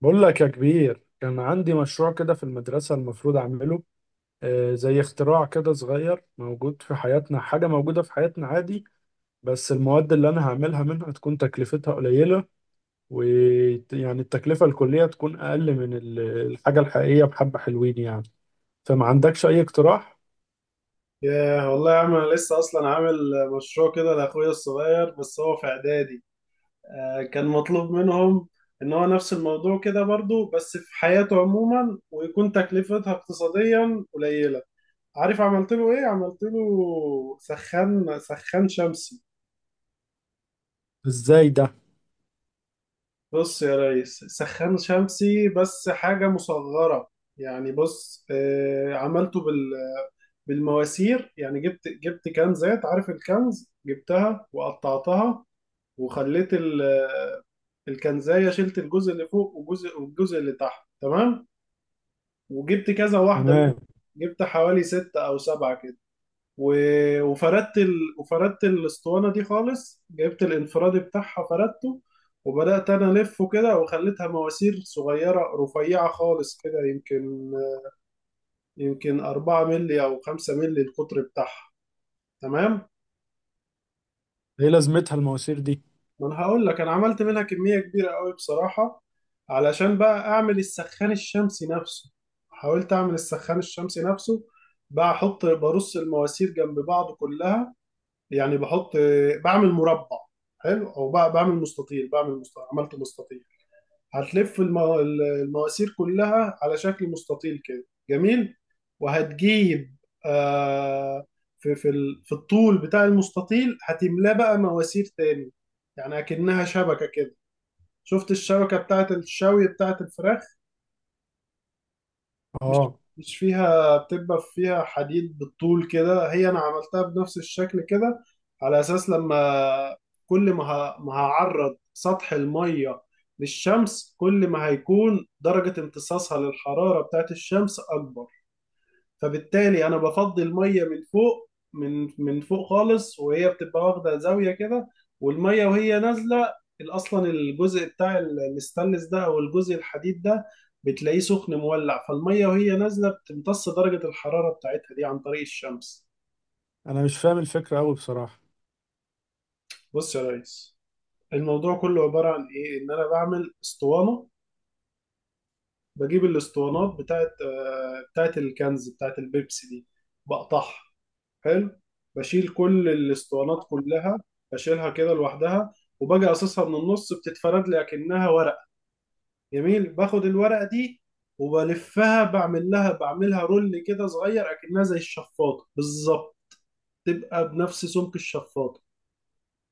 بقول لك يا كبير، كان عندي مشروع كده في المدرسة المفروض أعمله. زي اختراع كده صغير موجود في حياتنا، حاجة موجودة في حياتنا عادي. بس المواد اللي أنا هعملها منها تكون تكلفتها قليلة، ويعني التكلفة الكلية تكون أقل من الحاجة الحقيقية بحبة، حلوين يعني. فما عندكش أي اقتراح؟ ياه والله يا عم انا لسه اصلا عامل مشروع كده لاخويا الصغير، بس هو في اعدادي. آه، كان مطلوب منهم ان هو نفس الموضوع كده برضو بس في حياته عموما، ويكون تكلفتها اقتصاديا قليلة. عارف عملت له ايه؟ عملت له سخان شمسي. إزاي ده؟ بص يا ريس، سخان شمسي بس حاجة مصغرة. يعني بص، عملته بالمواسير. يعني جبت كنزات، عارف الكنز؟ جبتها وقطعتها وخليت الكنزايه، شلت الجزء اللي فوق وجزء، والجزء اللي تحت، تمام؟ وجبت كذا واحده منهم. تمام. جبت حوالي ستة او سبعة كده. و- وفردت ال... وفردت الاسطوانه دي خالص، جبت الانفرادي بتاعها فردته، وبدات انا الفه كده وخليتها مواسير صغيره رفيعه خالص كده. يمكن 4 مللي او 5 مللي القطر بتاعها، تمام؟ إيه لازمتها المواسير دي؟ ما انا هقول لك، انا عملت منها كميه كبيره قوي بصراحه، علشان بقى اعمل السخان الشمسي نفسه. حاولت اعمل السخان الشمسي نفسه. بقى احط برص المواسير جنب بعض كلها. يعني بعمل مربع، حلو، او بقى بعمل مستطيل، عملته مستطيل. هتلف المواسير كلها على شكل مستطيل كده، جميل. وهتجيب، آه، في الطول بتاع المستطيل، هتملاه بقى مواسير تاني، يعني اكنها شبكة كده. شفت الشبكة بتاعت الشوي بتاعت الفراخ؟ مش آه. مش فيها بتبقى فيها حديد بالطول كده، هي انا عملتها بنفس الشكل كده، على اساس لما، كل ما هعرض سطح المية للشمس، كل ما هيكون درجة امتصاصها للحرارة بتاعت الشمس اكبر. فبالتالي انا بفضي الميه من فوق، من فوق خالص، وهي بتبقى واخده زاويه كده. والميه وهي نازله، اصلا الجزء بتاع الستانلس ده او الجزء الحديد ده بتلاقيه سخن مولع، فالميه وهي نازله بتمتص درجه الحراره بتاعتها دي عن طريق الشمس. أنا مش فاهم الفكرة أوي بصراحة. بص يا ريس، الموضوع كله عباره عن ايه؟ ان انا بعمل اسطوانه، بجيب الاسطوانات بتاعت، بتاعت الكنز بتاعت البيبسي دي، بقطعها، حلو. بشيل كل الاسطوانات كلها، بشيلها كده لوحدها، وباجي قاصصها من النص، بتتفرد لي اكنها ورقه، جميل. باخد الورقه دي وبلفها، بعملها رول كده صغير اكنها زي الشفاطه بالظبط، تبقى بنفس سمك الشفاطه،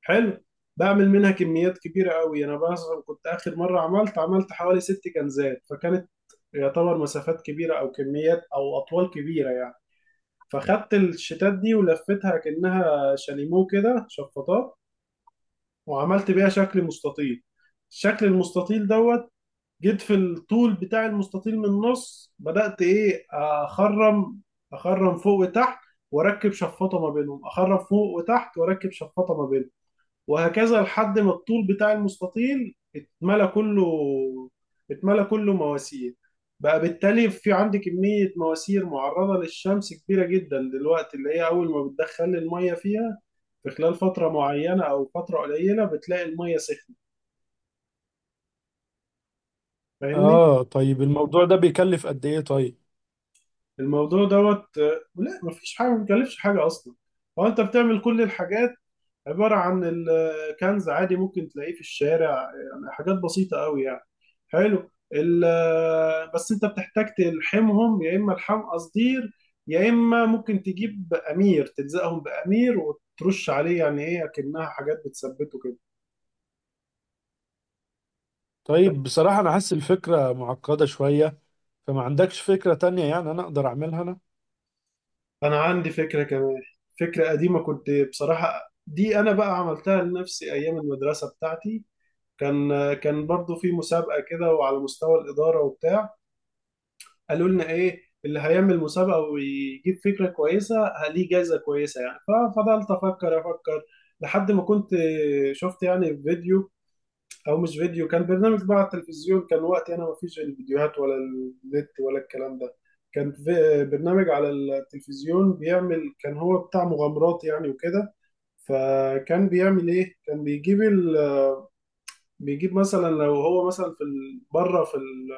حلو. بعمل منها كميات كبيرة قوي. أنا مثلا كنت آخر مرة عملت حوالي ست كنزات، فكانت يعتبر مسافات كبيرة أو كميات أو أطوال كبيرة يعني. فخدت الشتات دي ولفتها كأنها شاليمو كده، شفاطات، وعملت بيها شكل مستطيل، الشكل المستطيل دوت. جيت في الطول بتاع المستطيل من النص، بدأت إيه؟ أخرم، أخرم فوق وتحت وأركب شفاطة ما بينهم، أخرم فوق وتحت وأركب شفاطة ما بينهم، وهكذا لحد ما الطول بتاع المستطيل اتملى كله، اتملى كله مواسير. بقى بالتالي في عندي كمية مواسير معرضة للشمس كبيرة جدا دلوقتي، اللي هي أول ما بتدخل المية فيها في خلال فترة معينة أو فترة قليلة بتلاقي المية سخنة. فاهمني؟ آه، طيب الموضوع ده بيكلف قد إيه طيب؟ الموضوع دوت، لا مفيش حاجة، مبيكلفش حاجة أصلا، هو أنت بتعمل كل الحاجات. عبارة عن الكنز عادي ممكن تلاقيه في الشارع، يعني حاجات بسيطة قوي يعني. حلو. بس انت بتحتاج تلحمهم يا اما لحام قصدير، يا اما ممكن تجيب امير تلزقهم بامير وترش عليه، يعني ايه، اكنها حاجات بتثبته كده. طيب بصراحة أنا حاسس الفكرة معقدة شوية، فما عندكش فكرة تانية يعني أنا أقدر أعملها أنا؟ انا عندي فكرة كمان، فكرة قديمة، كنت بصراحة دي انا بقى عملتها لنفسي ايام المدرسة بتاعتي. كان برضو في مسابقة كده، وعلى مستوى الإدارة وبتاع. قالوا لنا ايه اللي هيعمل مسابقه ويجيب فكره كويسه، ليه جايزه كويسه يعني. ففضلت افكر لحد ما كنت شفت يعني فيديو، او مش فيديو، كان برنامج بقى على التلفزيون. كان وقتي انا ما فيش الفيديوهات ولا النت ولا الكلام ده. كان في برنامج على التلفزيون بيعمل، كان هو بتاع مغامرات يعني وكده. فكان بيعمل ايه؟ كان بيجيب مثلا، لو هو مثلا بره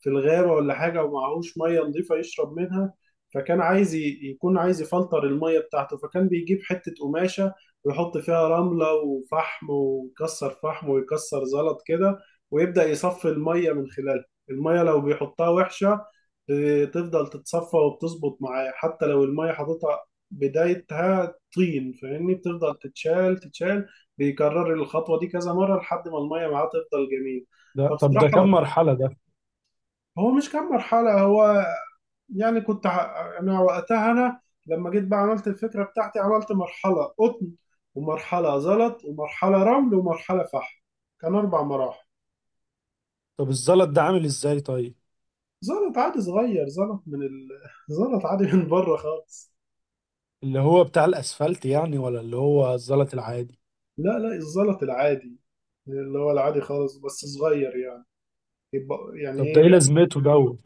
في الغابة ولا حاجة، ومعهوش مية نظيفة يشرب منها، فكان عايز يكون عايز يفلتر المية بتاعته. فكان بيجيب حتة قماشة ويحط فيها رملة وفحم، ويكسر فحم ويكسر زلط كده، ويبدأ يصفي المية من خلالها. المية لو بيحطها وحشة تفضل تتصفى وبتظبط معاه، حتى لو المية حاططها بدايتها طين فاهمني، بتفضل تتشال. بيكرر الخطوة دي كذا مرة لحد ما المية معاه تفضل جميل. ده طب ده كم فبصراحة مرحلة ده؟ هو مش كان مرحلة هو يعني كنت أنا وقتها، لما جيت بقى عملت الفكرة بتاعتي، عملت مرحلة قطن، ومرحلة زلط، ومرحلة رمل، ومرحلة فحم. كان أربع مراحل. طب الزلط ده عامل إزاي طيب؟ زلط عادي صغير، زلط من زلط عادي من بره خالص. اللي هو بتاع الأسفلت يعني، ولا اللي هو الزلط العادي؟ لا، الزلط العادي، اللي هو العادي خالص بس صغير يعني. يبقى يعني طب ده إيه؟ إيه لازمته جو؟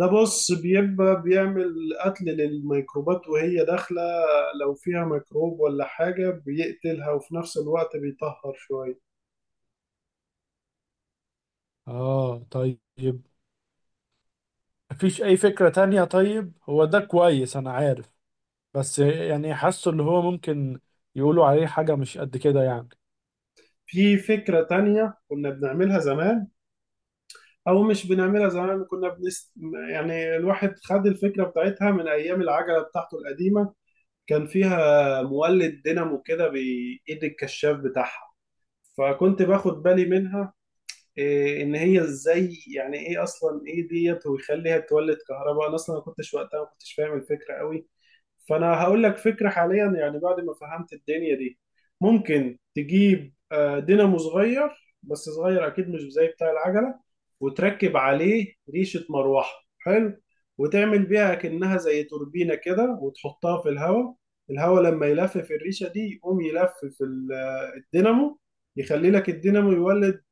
ده بص، بيبقى بيعمل قتل للميكروبات وهي داخلة. لو فيها ميكروب ولا حاجة بيقتلها، وفي نفس الوقت بيطهر شوية. آه طيب. مفيش أي فكرة تانية طيب؟ هو ده كويس أنا عارف، بس يعني حاسه اللي هو ممكن يقولوا عليه حاجة مش قد كده يعني. في فكرة تانية كنا بنعملها زمان، أو مش بنعملها زمان كنا يعني الواحد خد الفكرة بتاعتها من أيام العجلة بتاعته القديمة. كان فيها مولد دينامو كده بإيد الكشاف بتاعها، فكنت باخد بالي منها إيه ان هي ازاي يعني، ايه اصلا ايه ديت ويخليها تولد كهرباء. انا اصلا ما كنتش وقتها ما كنتش فاهم الفكره قوي. فانا هقول لك فكره حاليا يعني بعد ما فهمت الدنيا دي. ممكن تجيب، دينامو صغير، بس صغير اكيد مش زي بتاع العجله، وتركب عليه ريشه مروحه، حلو، وتعمل بيها كأنها زي توربينه كده وتحطها في الهواء. الهواء لما يلفف الريشه دي، يقوم يلفف الدينامو، يخلي لك الدينامو يولد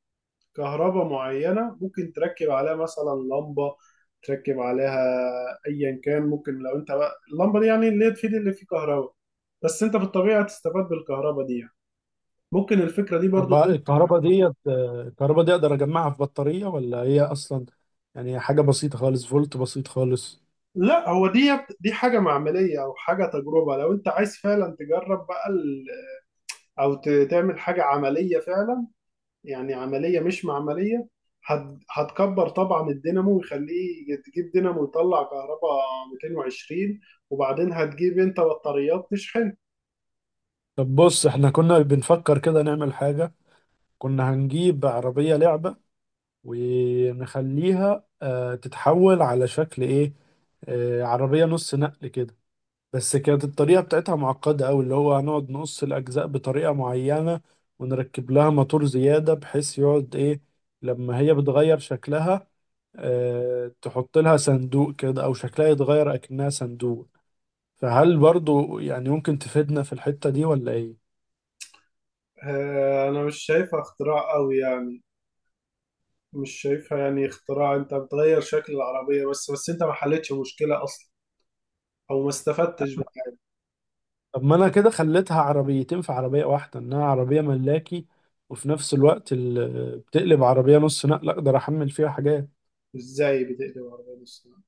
كهرباء معينة. ممكن تركب عليها مثلا لمبة، تركب عليها أيا كان، ممكن لو أنت بقى اللمبة دي يعني اللي هي تفيد اللي فيه كهرباء، بس أنت في الطبيعة تستفاد بالكهرباء دي يعني. ممكن الفكرة دي طب برضو إيه؟ الكهرباء ديت، الكهرباء دي اقدر اجمعها في بطارية، ولا هي اصلا يعني حاجة بسيطة خالص، فولت بسيط خالص؟ لا، هو دي حاجة معملية أو حاجة تجربة. لو أنت عايز فعلا تجرب بقى أو تعمل حاجة عملية فعلا، يعني عمليه مش معمليه، هتكبر طبعا الدينامو، ويخليه تجيب دينامو يطلع كهرباء 220، وبعدين هتجيب انت بطاريات تشحن. طب بص، احنا كنا بنفكر كده نعمل حاجة، كنا هنجيب عربية لعبة ونخليها تتحول على شكل ايه. عربية نص نقل كده، بس كانت الطريقة بتاعتها معقدة أوي، اللي هو هنقعد نقص الأجزاء بطريقة معينة ونركب لها موتور زيادة بحيث يقعد إيه لما هي بتغير شكلها. تحط لها صندوق كده او شكلها يتغير اكنها صندوق. فهل برضو يعني ممكن تفيدنا في الحتة دي ولا ايه؟ آه، انا مش شايفها اختراع قوي يعني. مش شايفها يعني اختراع، انت بتغير شكل العربيه بس، انت ما حلتش مشكله اصلا، او ما استفدتش بقى. طب ما انا كده خليتها عربيتين في عربية واحدة، انها عربية ملاكي وفي نفس الوقت بتقلب عربية نص نقل اقدر احمل فيها حاجات. ازاي بتقلب عربيه نص نقل؟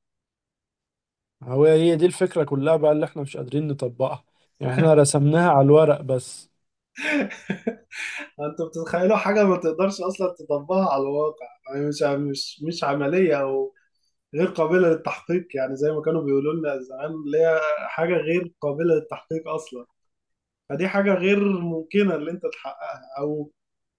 هو هي دي الفكرة كلها بقى اللي احنا مش قادرين نطبقها، يعني احنا رسمناها على الورق بس. انت بتتخيلوا حاجه ما تقدرش اصلا تطبقها على الواقع يعني، مش عمليه، غير قابلة للتحقيق، يعني زي ما كانوا بيقولوا لنا زمان، اللي هي حاجة غير قابلة للتحقيق أصلا. فدي حاجة غير ممكنة اللي أنت تحققها، أو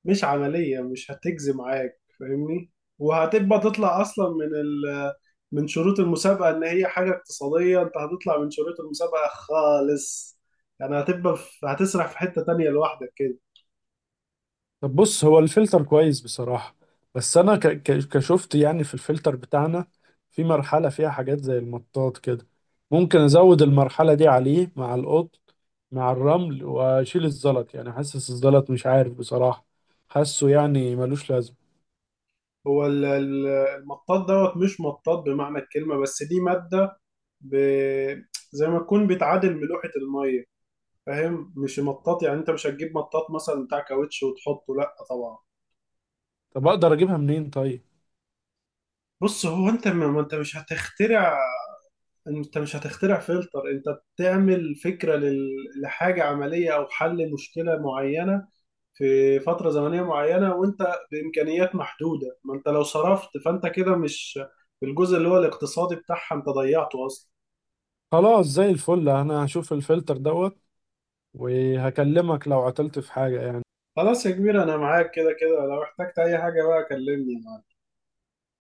مش عملية، مش هتجزي معاك فاهمني. وهتبقى تطلع أصلا من من شروط المسابقة، إن هي حاجة اقتصادية، أنت هتطلع من شروط المسابقة خالص. يعني هتبقى في، هتسرح في حتة تانية لوحدك كده. طب بص، هو الفلتر كويس بصراحة، بس أنا كشفت يعني في الفلتر بتاعنا في مرحلة فيها حاجات زي المطاط كده، ممكن أزود المرحلة دي عليه مع القط، مع الرمل، وأشيل الزلط، يعني حاسس الزلط مش عارف بصراحة، حاسه يعني ملوش لازمة. هو المطاط دوت مش مطاط بمعنى الكلمة، بس دي مادة، ب... زي ما تكون بتعادل ملوحة المية، فاهم؟ مش مطاط يعني، انت مش هتجيب مطاط مثلا بتاع كاوتش وتحطه، لا طبعا. طب أقدر أجيبها منين طيب؟ بص، هو انت ما ما انت مش هتخترع، انت مش هتخترع فلتر، انت بتعمل فكرة لحاجة عملية او حل مشكلة معينة في فترة زمنية معينة، وانت بامكانيات محدودة. ما انت لو صرفت فانت كده مش، الجزء اللي هو الاقتصادي بتاعها انت ضيعته اصلا. خلاص زي الفل، أنا هشوف الفلتر دوت وهكلمك لو عطلت في حاجة يعني. خلاص يا كبير، انا معاك كده كده، لو احتجت اي حاجة بقى كلمني.